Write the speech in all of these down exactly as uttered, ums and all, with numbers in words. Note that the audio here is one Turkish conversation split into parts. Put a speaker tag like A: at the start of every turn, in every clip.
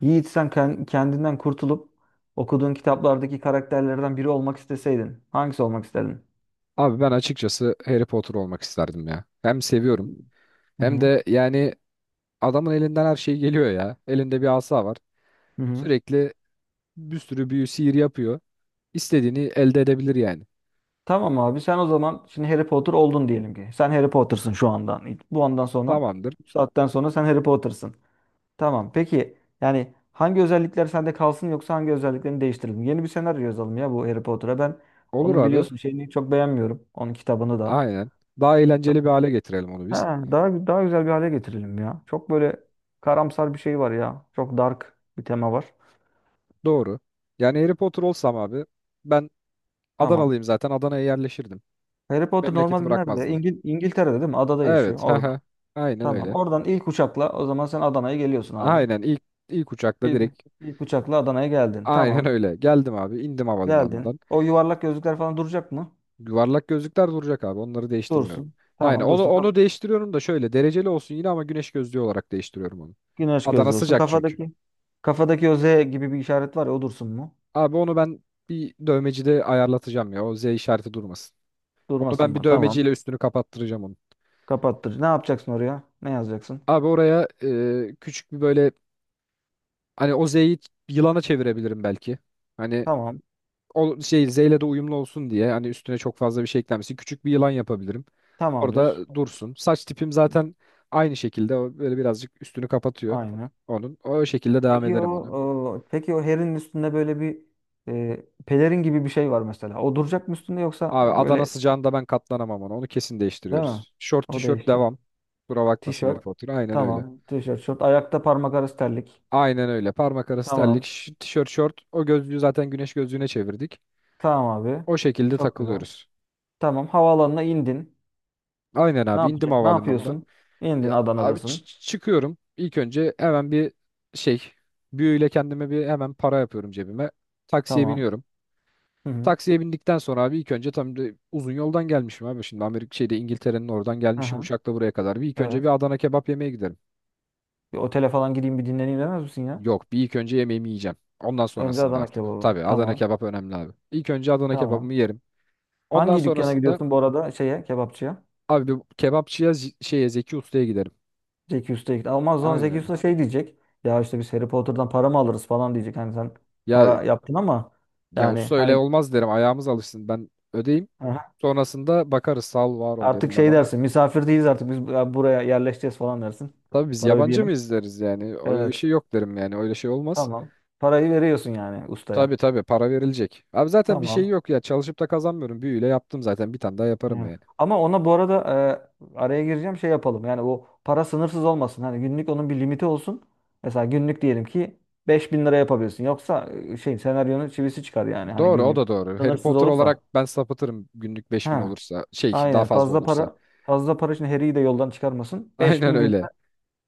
A: Yiğit, sen ken- kendinden kurtulup okuduğun kitaplardaki karakterlerden biri olmak isteseydin hangisi olmak isterdin?
B: Abi ben açıkçası Harry Potter olmak isterdim ya. Hem seviyorum
A: Hı
B: hem
A: hı.
B: de yani adamın elinden her şey geliyor ya. Elinde bir asa var.
A: Hı hı.
B: Sürekli bir sürü büyü sihir yapıyor. İstediğini elde edebilir yani.
A: Tamam abi, sen o zaman şimdi Harry Potter oldun diyelim ki. Sen Harry Potter'sın şu andan. Bu andan sonra
B: Tamamdır.
A: bu saatten sonra sen Harry Potter'sın. Tamam, peki yani hangi özellikler sende kalsın yoksa hangi özelliklerini değiştirelim? Yeni bir senaryo yazalım ya bu Harry Potter'a. Ben
B: Olur
A: onun
B: abi.
A: biliyorsun şeyini çok beğenmiyorum. Onun kitabını da.
B: Aynen. Daha eğlenceli bir hale getirelim onu biz.
A: Ha, daha daha güzel bir hale getirelim ya. Çok böyle karamsar bir şey var ya. Çok dark bir tema var.
B: Doğru. Yani Harry Potter olsam abi ben
A: Tamam.
B: Adanalıyım zaten. Adana'ya yerleşirdim.
A: Harry Potter
B: Memleketi
A: normalde nerede?
B: bırakmazdım.
A: İngil İngiltere'de değil mi? Adada yaşıyor
B: Evet.
A: orada.
B: Hı. Aynen
A: Tamam.
B: öyle.
A: Oradan ilk uçakla o zaman sen Adana'ya geliyorsun abi.
B: Aynen, ilk ilk uçakla
A: İlk,
B: direkt.
A: ilk uçakla Adana'ya geldin.
B: Aynen
A: Tamam.
B: öyle. Geldim abi, indim
A: Geldin.
B: havalimanından.
A: O yuvarlak gözlükler falan duracak mı?
B: Yuvarlak gözlükler duracak abi. Onları değiştirmiyorum.
A: Dursun.
B: Aynen.
A: Tamam,
B: Onu
A: dursun. Kaf-
B: onu değiştiriyorum da şöyle dereceli olsun yine, ama güneş gözlüğü olarak değiştiriyorum onu.
A: Güneş
B: Adana
A: gözlüyorsun.
B: sıcak çünkü.
A: Kafadaki kafadaki o Z gibi bir işaret var ya, o dursun mu?
B: Abi onu ben bir dövmecide ayarlatacağım ya. O Z işareti durmasın. Onu
A: Durmasın
B: ben bir
A: mı? Tamam.
B: dövmeciyle üstünü kapattıracağım onu.
A: Kapattır. Ne yapacaksın oraya? Ne yazacaksın?
B: Abi oraya e, küçük bir böyle, hani o Z'yi yılana çevirebilirim belki. Hani
A: Tamam.
B: o şey Z ile de uyumlu olsun diye, hani üstüne çok fazla bir şey eklenmesin. Küçük bir yılan yapabilirim.
A: Tamamdır.
B: Orada dursun. Saç tipim zaten aynı şekilde o böyle birazcık üstünü kapatıyor
A: Aynen.
B: onun. O şekilde devam
A: Peki o,
B: ederim onu.
A: o- peki o herin üstünde böyle bir e, pelerin gibi bir şey var mesela. O duracak mı üstünde, yoksa
B: Abi Adana
A: böyle
B: sıcağında ben katlanamam ona. Onu kesin
A: değil mi?
B: değiştiriyoruz. Şort
A: O
B: tişört
A: değişecek.
B: devam. Kusura bakmasın Harry
A: Tişört.
B: Potter. Aynen öyle.
A: Tamam. Tişört, şort. Ayakta parmak arası terlik.
B: Aynen öyle. Parmak arası terlik,
A: Tamam.
B: ş- tişört, şort. O gözlüğü zaten güneş gözlüğüne çevirdik.
A: Tamam abi.
B: O şekilde
A: Çok güzel.
B: takılıyoruz.
A: Tamam. Havaalanına indin.
B: Aynen
A: Ne
B: abi, indim
A: yapacaksın? Ne
B: havalimanında.
A: yapıyorsun? İndin,
B: Ya abi
A: Adana'dasın.
B: çı- çıkıyorum. İlk önce hemen bir şey, büyüyle kendime bir hemen para yapıyorum cebime. Taksiye
A: Tamam.
B: biniyorum.
A: Hı hı.
B: Taksiye bindikten sonra abi, ilk önce tam da uzun yoldan gelmişim abi. Şimdi Amerika şeyde İngiltere'nin oradan gelmişim
A: Aha.
B: uçakla buraya kadar. Bir ilk önce
A: Evet.
B: bir Adana kebap yemeye giderim.
A: Bir otele falan gideyim, bir dinleneyim demez misin ya?
B: Yok, bir ilk önce yemeğimi yiyeceğim. Ondan
A: Önce
B: sonrasında
A: Adana
B: artık.
A: kebabı.
B: Tabii Adana
A: Tamam.
B: kebap önemli abi. İlk önce Adana kebabımı
A: Tamam.
B: yerim. Ondan
A: Hangi dükkana
B: sonrasında
A: gidiyorsun bu arada, şeye, kebapçıya?
B: abi bir kebapçıya, Z- şeye, Zeki Usta'ya giderim.
A: Zeki Usta gitti. Ama o zaman
B: Aynen
A: Zeki
B: öyle.
A: Usta şey diyecek. Ya, işte biz Harry Potter'dan para mı alırız falan diyecek. Hani sen
B: Ya
A: para yaptın ama
B: ya
A: yani
B: usta öyle
A: hani,
B: olmaz derim. Ayağımız alışsın. Ben ödeyim.
A: aha,
B: Sonrasında bakarız, sağ ol var ol
A: artık
B: derim ben
A: şey
B: ona.
A: dersin. Misafir değiliz artık biz, bu- buraya yerleşeceğiz falan dersin.
B: Tabii biz
A: Para
B: yabancı
A: ödeyelim.
B: mı izleriz yani? Öyle bir
A: Evet.
B: şey yok derim yani. Öyle şey olmaz.
A: Tamam. Parayı veriyorsun yani ustaya.
B: Tabii tabii, para verilecek. Abi zaten bir şey
A: Tamam.
B: yok ya. Çalışıp da kazanmıyorum. Büyüyle yaptım zaten. Bir tane daha yaparım
A: Evet.
B: yani.
A: Ama ona bu arada e, araya gireceğim şey yapalım. Yani o para sınırsız olmasın. Hani günlük onun bir limiti olsun. Mesela günlük diyelim ki beş bin lira yapabilirsin. Yoksa e, şey senaryonun çivisi çıkar yani. Hani
B: Doğru, o
A: günlük
B: da doğru. Harry
A: sınırsız
B: Potter olarak
A: olursa.
B: ben sapıtırım günlük beş bin
A: Ha,
B: olursa. Şey daha
A: aynen.
B: fazla
A: Fazla
B: olursa.
A: para, fazla para için Harry'i de yoldan çıkarmasın. beş
B: Aynen
A: bin günde
B: öyle.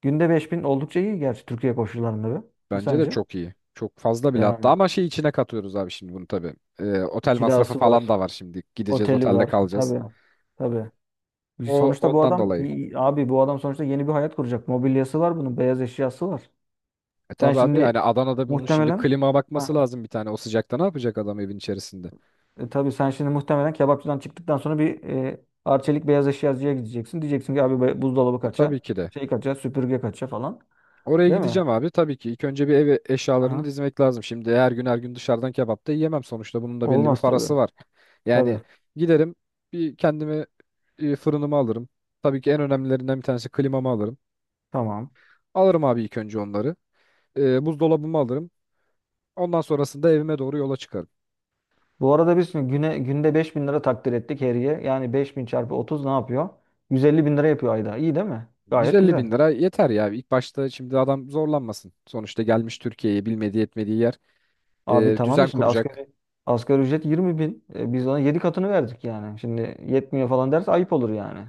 A: günde beş bin oldukça iyi gerçi Türkiye koşullarında be. Ne
B: Bence de
A: sence?
B: çok iyi. Çok fazla bile hatta,
A: Yani
B: ama şey içine katıyoruz abi şimdi bunu tabii. Ee, otel masrafı
A: kirası var,
B: falan da var şimdi. Gideceğiz,
A: oteli
B: otelde
A: var.
B: kalacağız.
A: Tabii. Tabii.
B: O
A: Sonuçta bu
B: ondan
A: adam,
B: dolayı.
A: abi bu adam sonuçta yeni bir hayat kuracak. Mobilyası var bunun, beyaz eşyası var.
B: E
A: Sen
B: tabii abi,
A: şimdi
B: yani Adana'da bunun şimdi
A: muhtemelen,
B: klima bakması
A: ha,
B: lazım bir tane. O sıcakta ne yapacak adam evin içerisinde?
A: e, tabii sen şimdi muhtemelen kebapçıdan çıktıktan sonra bir e, Arçelik beyaz eşyacıya gideceksin. Diyeceksin ki abi, be- buzdolabı
B: E tabii
A: kaça,
B: ki de.
A: şey kaça, süpürge kaça falan.
B: Oraya
A: Değil mi?
B: gideceğim abi tabii ki. İlk önce bir ev eşyalarını dizmek lazım. Şimdi her gün her gün dışarıdan kebap da yiyemem sonuçta. Bunun da belli bir
A: Olmaz tabii.
B: parası var.
A: Tabii.
B: Yani giderim bir kendime e, fırınımı alırım. Tabii ki en önemlilerinden bir tanesi klimamı alırım.
A: Tamam.
B: Alırım abi ilk önce onları. E, buzdolabımı alırım. Ondan sonrasında evime doğru yola çıkarım.
A: Bu arada biz şimdi, güne, günde beş bin lira takdir ettik heriye. Yani beş bin çarpı otuz ne yapıyor? Yüz elli bin lira yapıyor ayda. İyi değil mi? Gayet
B: yüz elli
A: güzel.
B: bin lira yeter ya. İlk başta şimdi adam zorlanmasın. Sonuçta gelmiş Türkiye'ye, bilmediği etmediği yer.
A: Abi
B: E,
A: tamam da
B: düzen
A: şimdi
B: kuracak.
A: asgari, asgari ücret yirmi bin. E, biz ona yedi katını verdik yani. Şimdi yetmiyor falan derse ayıp olur yani.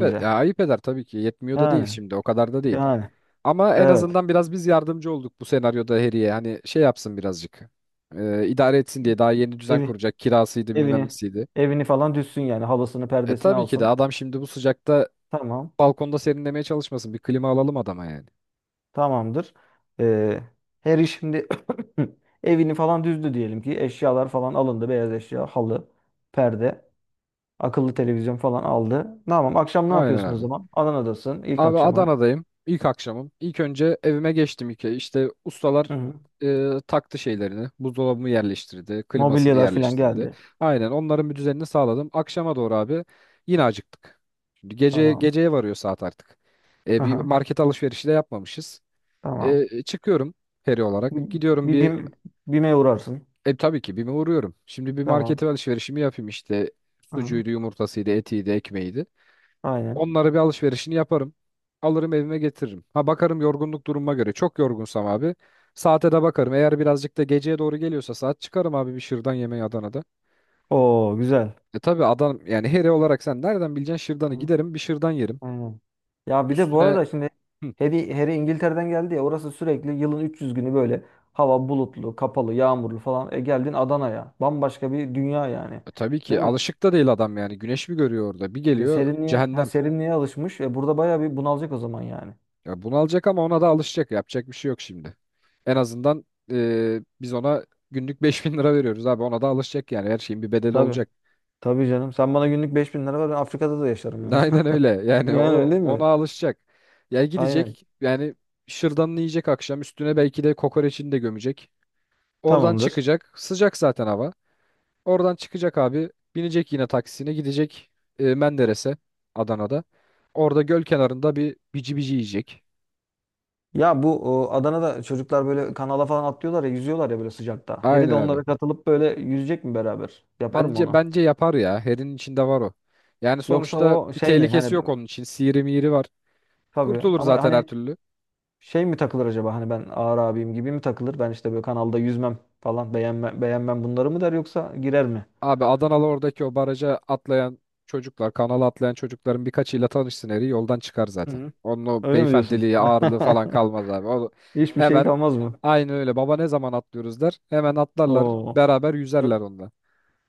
B: Ve- Ya ayıp eder tabii ki. Yetmiyor da değil
A: Yani.
B: şimdi. O kadar da değil.
A: Yani.
B: Ama en
A: Evet.
B: azından biraz biz yardımcı olduk bu senaryoda Harry'e. Hani şey yapsın birazcık. E, idare etsin diye daha yeni düzen
A: Evi,
B: kuracak. Kirasıydı, bilmem
A: evini
B: nesiydi.
A: evini falan düşsün yani. Halısını,
B: E
A: perdesini
B: tabii ki de,
A: alsın.
B: adam şimdi bu sıcakta
A: Tamam.
B: balkonda serinlemeye çalışmasın. Bir klima alalım adama yani.
A: Tamamdır. Ee, Harry şimdi evini falan düzdü diyelim ki. Eşyalar falan alındı. Beyaz eşya, halı, perde, akıllı televizyon falan aldı. Tamam. Akşam ne
B: Aynen
A: yapıyorsun o
B: abi.
A: zaman? Adana'dasın. İlk
B: Abi
A: akşamın.
B: Adana'dayım. İlk akşamım. İlk önce evime geçtim iki. İşte
A: Hı
B: ustalar
A: hı.
B: e, taktı şeylerini. Buzdolabımı yerleştirdi. Klimasını
A: Mobilyalar falan
B: yerleştirdi.
A: geldi.
B: Aynen, onların bir düzenini sağladım. Akşama doğru abi yine acıktık. Şimdi gece
A: Tamam.
B: geceye varıyor saat artık. E,
A: Hı
B: bir
A: hı.
B: market alışverişi de yapmamışız.
A: Tamam.
B: E, çıkıyorum peri
A: Bir,
B: olarak. Gidiyorum
A: bir
B: bir,
A: BİM, BİM'e uğrarsın.
B: e, tabii ki bir uğruyorum. Şimdi bir
A: Tamam.
B: markete alışverişimi yapayım işte.
A: Hı hı.
B: Sucuydu, yumurtasıydı, etiydi, ekmeğiydi.
A: Aynen.
B: Onlara bir alışverişini yaparım. Alırım, evime getiririm. Ha bakarım yorgunluk durumuma göre. Çok yorgunsam abi. Saate de bakarım. Eğer birazcık da geceye doğru geliyorsa saat, çıkarım abi bir şırdan yemeği Adana'da.
A: Oo, güzel.
B: E tabi adam yani heri olarak sen nereden bileceksin şırdanı? Giderim bir şırdan yerim.
A: Aynen. Ya bir de bu
B: Üstüne.
A: arada şimdi,
B: Hı.
A: Harry, Harry İngiltere'den geldi ya, orası sürekli yılın üç yüz günü böyle hava bulutlu, kapalı, yağmurlu falan. E, geldin Adana'ya. Bambaşka bir dünya yani.
B: E, tabii
A: Değil
B: ki
A: mi?
B: alışık da değil adam yani. Güneş mi görüyor orada? Bir
A: E
B: geliyor
A: serinliğe, ha
B: cehennem.
A: serinliğe alışmış. E, burada bayağı bir bunalacak o zaman yani.
B: Ya bunu alacak, ama ona da alışacak. Yapacak bir şey yok şimdi. En azından e, biz ona günlük beş bin lira veriyoruz abi. Ona da alışacak yani. Her şeyin bir bedeli
A: Tabii.
B: olacak.
A: Tabii canım. Sen bana günlük beş bin lira ver, ben Afrika'da da yaşarım yani.
B: Aynen öyle. Yani
A: Yani
B: o
A: öyle
B: ona
A: mi?
B: alışacak. Ya
A: Aynen.
B: gidecek yani şırdanını yiyecek, akşam üstüne belki de kokoreçini de gömecek. Oradan
A: Tamamdır.
B: çıkacak. Sıcak zaten hava. Oradan çıkacak abi. Binecek yine taksisine, gidecek e, Menderes'e, Adana'da. Orada göl kenarında bir bici bici yiyecek.
A: Ya bu, o, Adana'da çocuklar böyle kanala falan atlıyorlar ya, yüzüyorlar ya böyle sıcakta. Harry de
B: Aynen abi.
A: onlara katılıp böyle yüzecek mi beraber? Yapar mı
B: Bence
A: onu?
B: bence yapar ya. Her'in içinde var o. Yani
A: Yoksa
B: sonuçta
A: o
B: bir
A: şey mi,
B: tehlikesi
A: hani
B: yok onun için. Sihiri mihiri var.
A: tabii
B: Kurtulur
A: ama
B: zaten her
A: hani,
B: türlü.
A: şey mi takılır acaba, hani ben ağır abiyim gibi mi takılır? Ben işte böyle kanalda yüzmem falan, beğenmem, beğenmem bunları mı der yoksa girer mi?
B: Abi Adanalı oradaki o baraja atlayan çocuklar, kanala atlayan çocukların birkaçıyla tanışsın, eri yoldan çıkar zaten.
A: Hı.
B: Onun o
A: Öyle mi diyorsun?
B: beyefendiliği, ağırlığı falan kalmaz abi. O
A: Hiçbir şey
B: hemen
A: kalmaz mı?
B: aynı öyle, baba ne zaman atlıyoruz der. Hemen atlarlar,
A: Oo.
B: beraber yüzerler
A: Çok,
B: onda.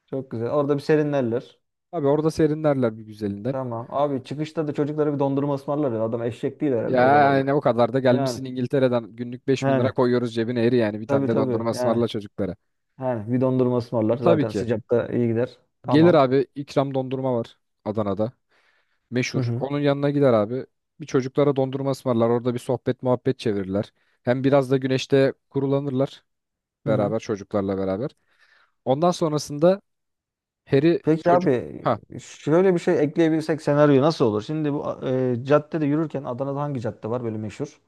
A: çok güzel. Orada bir serinlerler.
B: Abi orada serinlerler bir güzelinden.
A: Tamam. Abi, çıkışta da çocuklara bir dondurma ısmarlar ya. Adam eşek değil
B: Ya
A: herhalde o kadar da.
B: yani o kadar da
A: Yani.
B: gelmişsin İngiltere'den, günlük beş bin lira
A: Yani.
B: koyuyoruz cebine eri, yani bir tane
A: Tabii
B: de
A: tabii.
B: dondurma
A: Yani.
B: ısmarla çocuklara.
A: Yani bir dondurma ısmarlar.
B: Tabii
A: Zaten
B: ki.
A: sıcakta iyi gider.
B: Gelir
A: Tamam.
B: abi, ikram dondurma var Adana'da.
A: Hı
B: Meşhur.
A: hı.
B: Onun yanına gider abi. Bir çocuklara dondurma ısmarlar. Orada bir sohbet muhabbet çevirirler. Hem biraz da güneşte kurulanırlar
A: Hı hı.
B: beraber çocuklarla beraber. Ondan sonrasında Harry
A: Peki
B: çocuk,
A: abi,
B: ha
A: şöyle bir şey ekleyebilsek senaryo nasıl olur? Şimdi bu e, caddede yürürken Adana'da hangi cadde var böyle meşhur?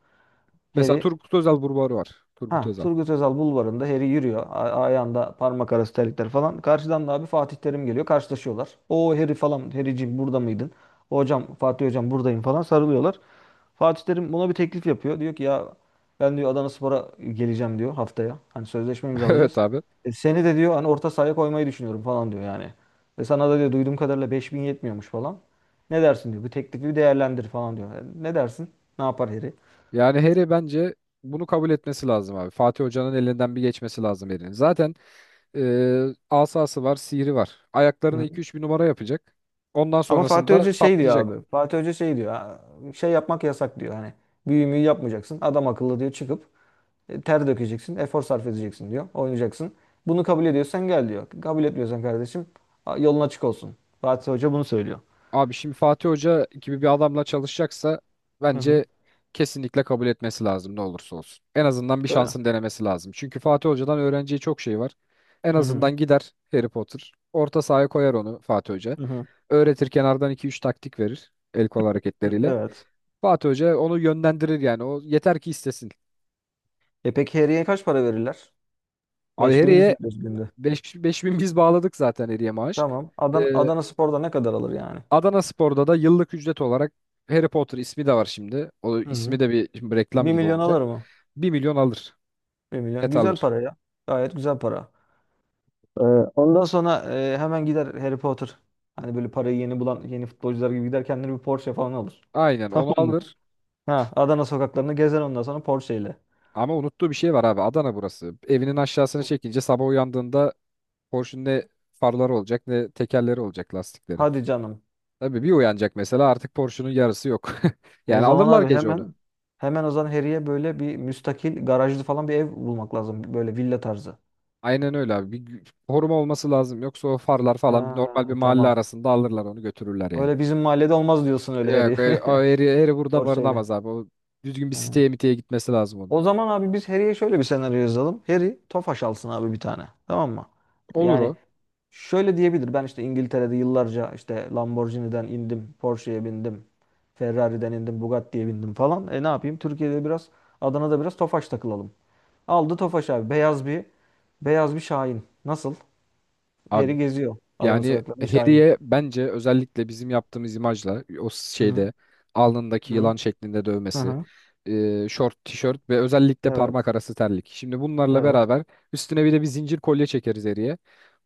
B: mesela
A: Heri
B: Turgut Özal burbarı var. Turgut
A: Ha,
B: Özal.
A: Turgut Özal bulvarında Harry yürüyor. A- ayağında parmak arası terlikler falan. Karşıdan da abi Fatih Terim geliyor. Karşılaşıyorlar. O Harry falan. Harry'ciğim burada mıydın? Hocam, Fatih hocam buradayım falan sarılıyorlar. Fatih Terim buna bir teklif yapıyor. Diyor ki ya, ben diyor Adanaspor'a geleceğim diyor haftaya. Hani sözleşme
B: Evet
A: imzalayacağız.
B: abi.
A: E, seni de diyor hani orta sahaya koymayı düşünüyorum falan diyor yani. Ve sana da diyor duyduğum kadarıyla beş bin yetmiyormuş falan. Ne dersin diyor. Bu teklifi bir değerlendir falan diyor. Yani ne dersin? Ne yapar Harry?
B: Yani Harry bence bunu kabul etmesi lazım abi. Fatih Hoca'nın elinden bir geçmesi lazım Harry'nin. Zaten e, asası var, sihri var. Ayaklarına iki
A: Hı.
B: üç bir numara yapacak. Ondan
A: Ama Fatih
B: sonrasında
A: Hoca şey diyor
B: patlayacak.
A: abi. Fatih Hoca şey diyor: "Ha, şey yapmak yasak diyor. Hani büyümeyi yapmayacaksın. Adam akıllı diyor çıkıp e, ter dökeceksin. Efor sarf edeceksin diyor. Oynayacaksın. Bunu kabul ediyorsan gel diyor. Kabul etmiyorsan kardeşim, a- yolun açık olsun. Fatih Hoca bunu söylüyor.
B: Abi şimdi Fatih Hoca gibi bir adamla çalışacaksa
A: Hı hı.
B: bence kesinlikle kabul etmesi lazım ne olursa olsun. En azından bir
A: Öyle.
B: şansın denemesi lazım. Çünkü Fatih Hoca'dan öğreneceği çok şey var. En
A: Hı hı.
B: azından gider Harry Potter. Orta sahaya koyar onu Fatih Hoca.
A: Hı hı.
B: Öğretir, kenardan iki üç taktik verir el kol
A: Hı,
B: hareketleriyle.
A: evet.
B: Fatih Hoca onu yönlendirir yani. O yeter ki istesin.
A: E peki Harry'e kaç para verirler?
B: Abi
A: Beş bin, biz
B: Harry'e
A: veriyoruz günde.
B: beş bin, biz bağladık zaten Harry'e maaş.
A: Tamam.
B: Ee,
A: Adana, Adana Spor'da ne kadar alır yani?
B: Adanaspor'da da yıllık ücret olarak Harry Potter ismi de var şimdi. O
A: Hı
B: ismi
A: hı.
B: de bir, şimdi reklam
A: bir
B: gibi
A: milyon
B: olacak.
A: alır mı?
B: Bir milyon alır.
A: Bir milyon.
B: Net
A: Güzel
B: alır.
A: para ya. Gayet güzel para. Ee, Ondan sonra e, hemen gider Harry Potter. Hani böyle parayı yeni bulan yeni futbolcular gibi gider kendine bir Porsche falan alır.
B: Aynen
A: Tamam
B: onu
A: mı?
B: alır.
A: Ha, Adana sokaklarını gezer ondan sonra Porsche ile.
B: Ama unuttuğu bir şey var abi. Adana burası. Evinin aşağısını çekince sabah uyandığında Porsche'un ne farları olacak ne tekerleri olacak lastikleri.
A: Hadi canım.
B: Tabii bir uyanacak mesela artık Porsche'un yarısı yok.
A: O
B: Yani
A: zaman
B: alırlar
A: abi,
B: gece onu.
A: hemen hemen o zaman Harry'e böyle bir müstakil garajlı falan bir ev bulmak lazım. Böyle villa tarzı.
B: Aynen öyle abi. Bir gü- koruma olması lazım. Yoksa o farlar falan normal bir
A: Ha,
B: mahalle
A: tamam.
B: arasında alırlar onu, götürürler yani.
A: Öyle bizim mahallede olmaz diyorsun öyle Harry.
B: Yok öyle, o eri, eri burada
A: Porsche ile.
B: barınamaz abi. O düzgün bir
A: Ha.
B: siteye miteye gitmesi lazım onun.
A: O zaman abi biz Harry'e şöyle bir senaryo yazalım. Harry Tofaş alsın abi bir tane. Tamam mı?
B: Olur
A: Yani
B: o.
A: şöyle diyebilir: Ben işte İngiltere'de yıllarca işte Lamborghini'den indim, Porsche'ye bindim, Ferrari'den indim, Bugatti'ye bindim falan. E, ne yapayım? Türkiye'de biraz, Adana'da biraz Tofaş takılalım. Aldı Tofaş abi. Beyaz bir, beyaz bir Şahin. Nasıl?
B: Abi
A: Heri geziyor Adana
B: yani
A: sokaklarında Şahin'i.
B: Harry'e bence özellikle bizim yaptığımız imajla o
A: Hı hı.
B: şeyde alnındaki
A: Hı hı.
B: yılan şeklinde
A: Hı
B: dövmesi,
A: hı.
B: e, şort, tişört ve özellikle
A: Evet.
B: parmak arası terlik. Şimdi bunlarla
A: Evet.
B: beraber üstüne bir de bir zincir kolye çekeriz Harry'e.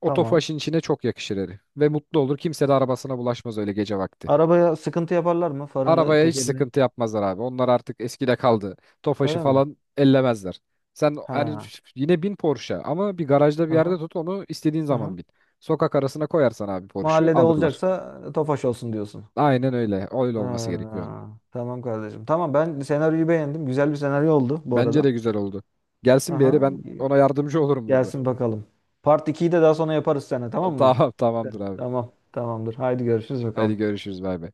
B: O
A: Tamam.
B: tofaşın içine çok yakışır Harry. Ve mutlu olur. Kimse de arabasına bulaşmaz öyle gece vakti.
A: Arabaya sıkıntı yaparlar mı? Farını,
B: Arabaya hiç
A: tekerini.
B: sıkıntı yapmazlar abi. Onlar artık eskide kaldı. Tofaş'ı
A: Öyle mi?
B: falan ellemezler. Sen hani
A: Ha.
B: yine bin Porsche, ama bir garajda bir
A: Hı hı.
B: yerde tut onu, istediğin
A: Hı hı.
B: zaman bin. Sokak arasına koyarsan abi Porsche'u
A: Mahallede
B: alırlar.
A: olacaksa Tofaş olsun diyorsun.
B: Aynen öyle. Öyle olması gerekiyor onun.
A: Ha, tamam kardeşim. Tamam, ben senaryoyu beğendim. Güzel bir senaryo oldu bu
B: Bence
A: arada.
B: de güzel oldu. Gelsin bir yere,
A: Aha.
B: ben ona yardımcı olurum burada.
A: Gelsin bakalım. Part ikiyi de daha sonra yaparız seninle, tamam mı?
B: Tamam tamamdır abi.
A: Tamam. Tamamdır. Haydi görüşürüz
B: Hadi
A: bakalım.
B: görüşürüz, bay bay.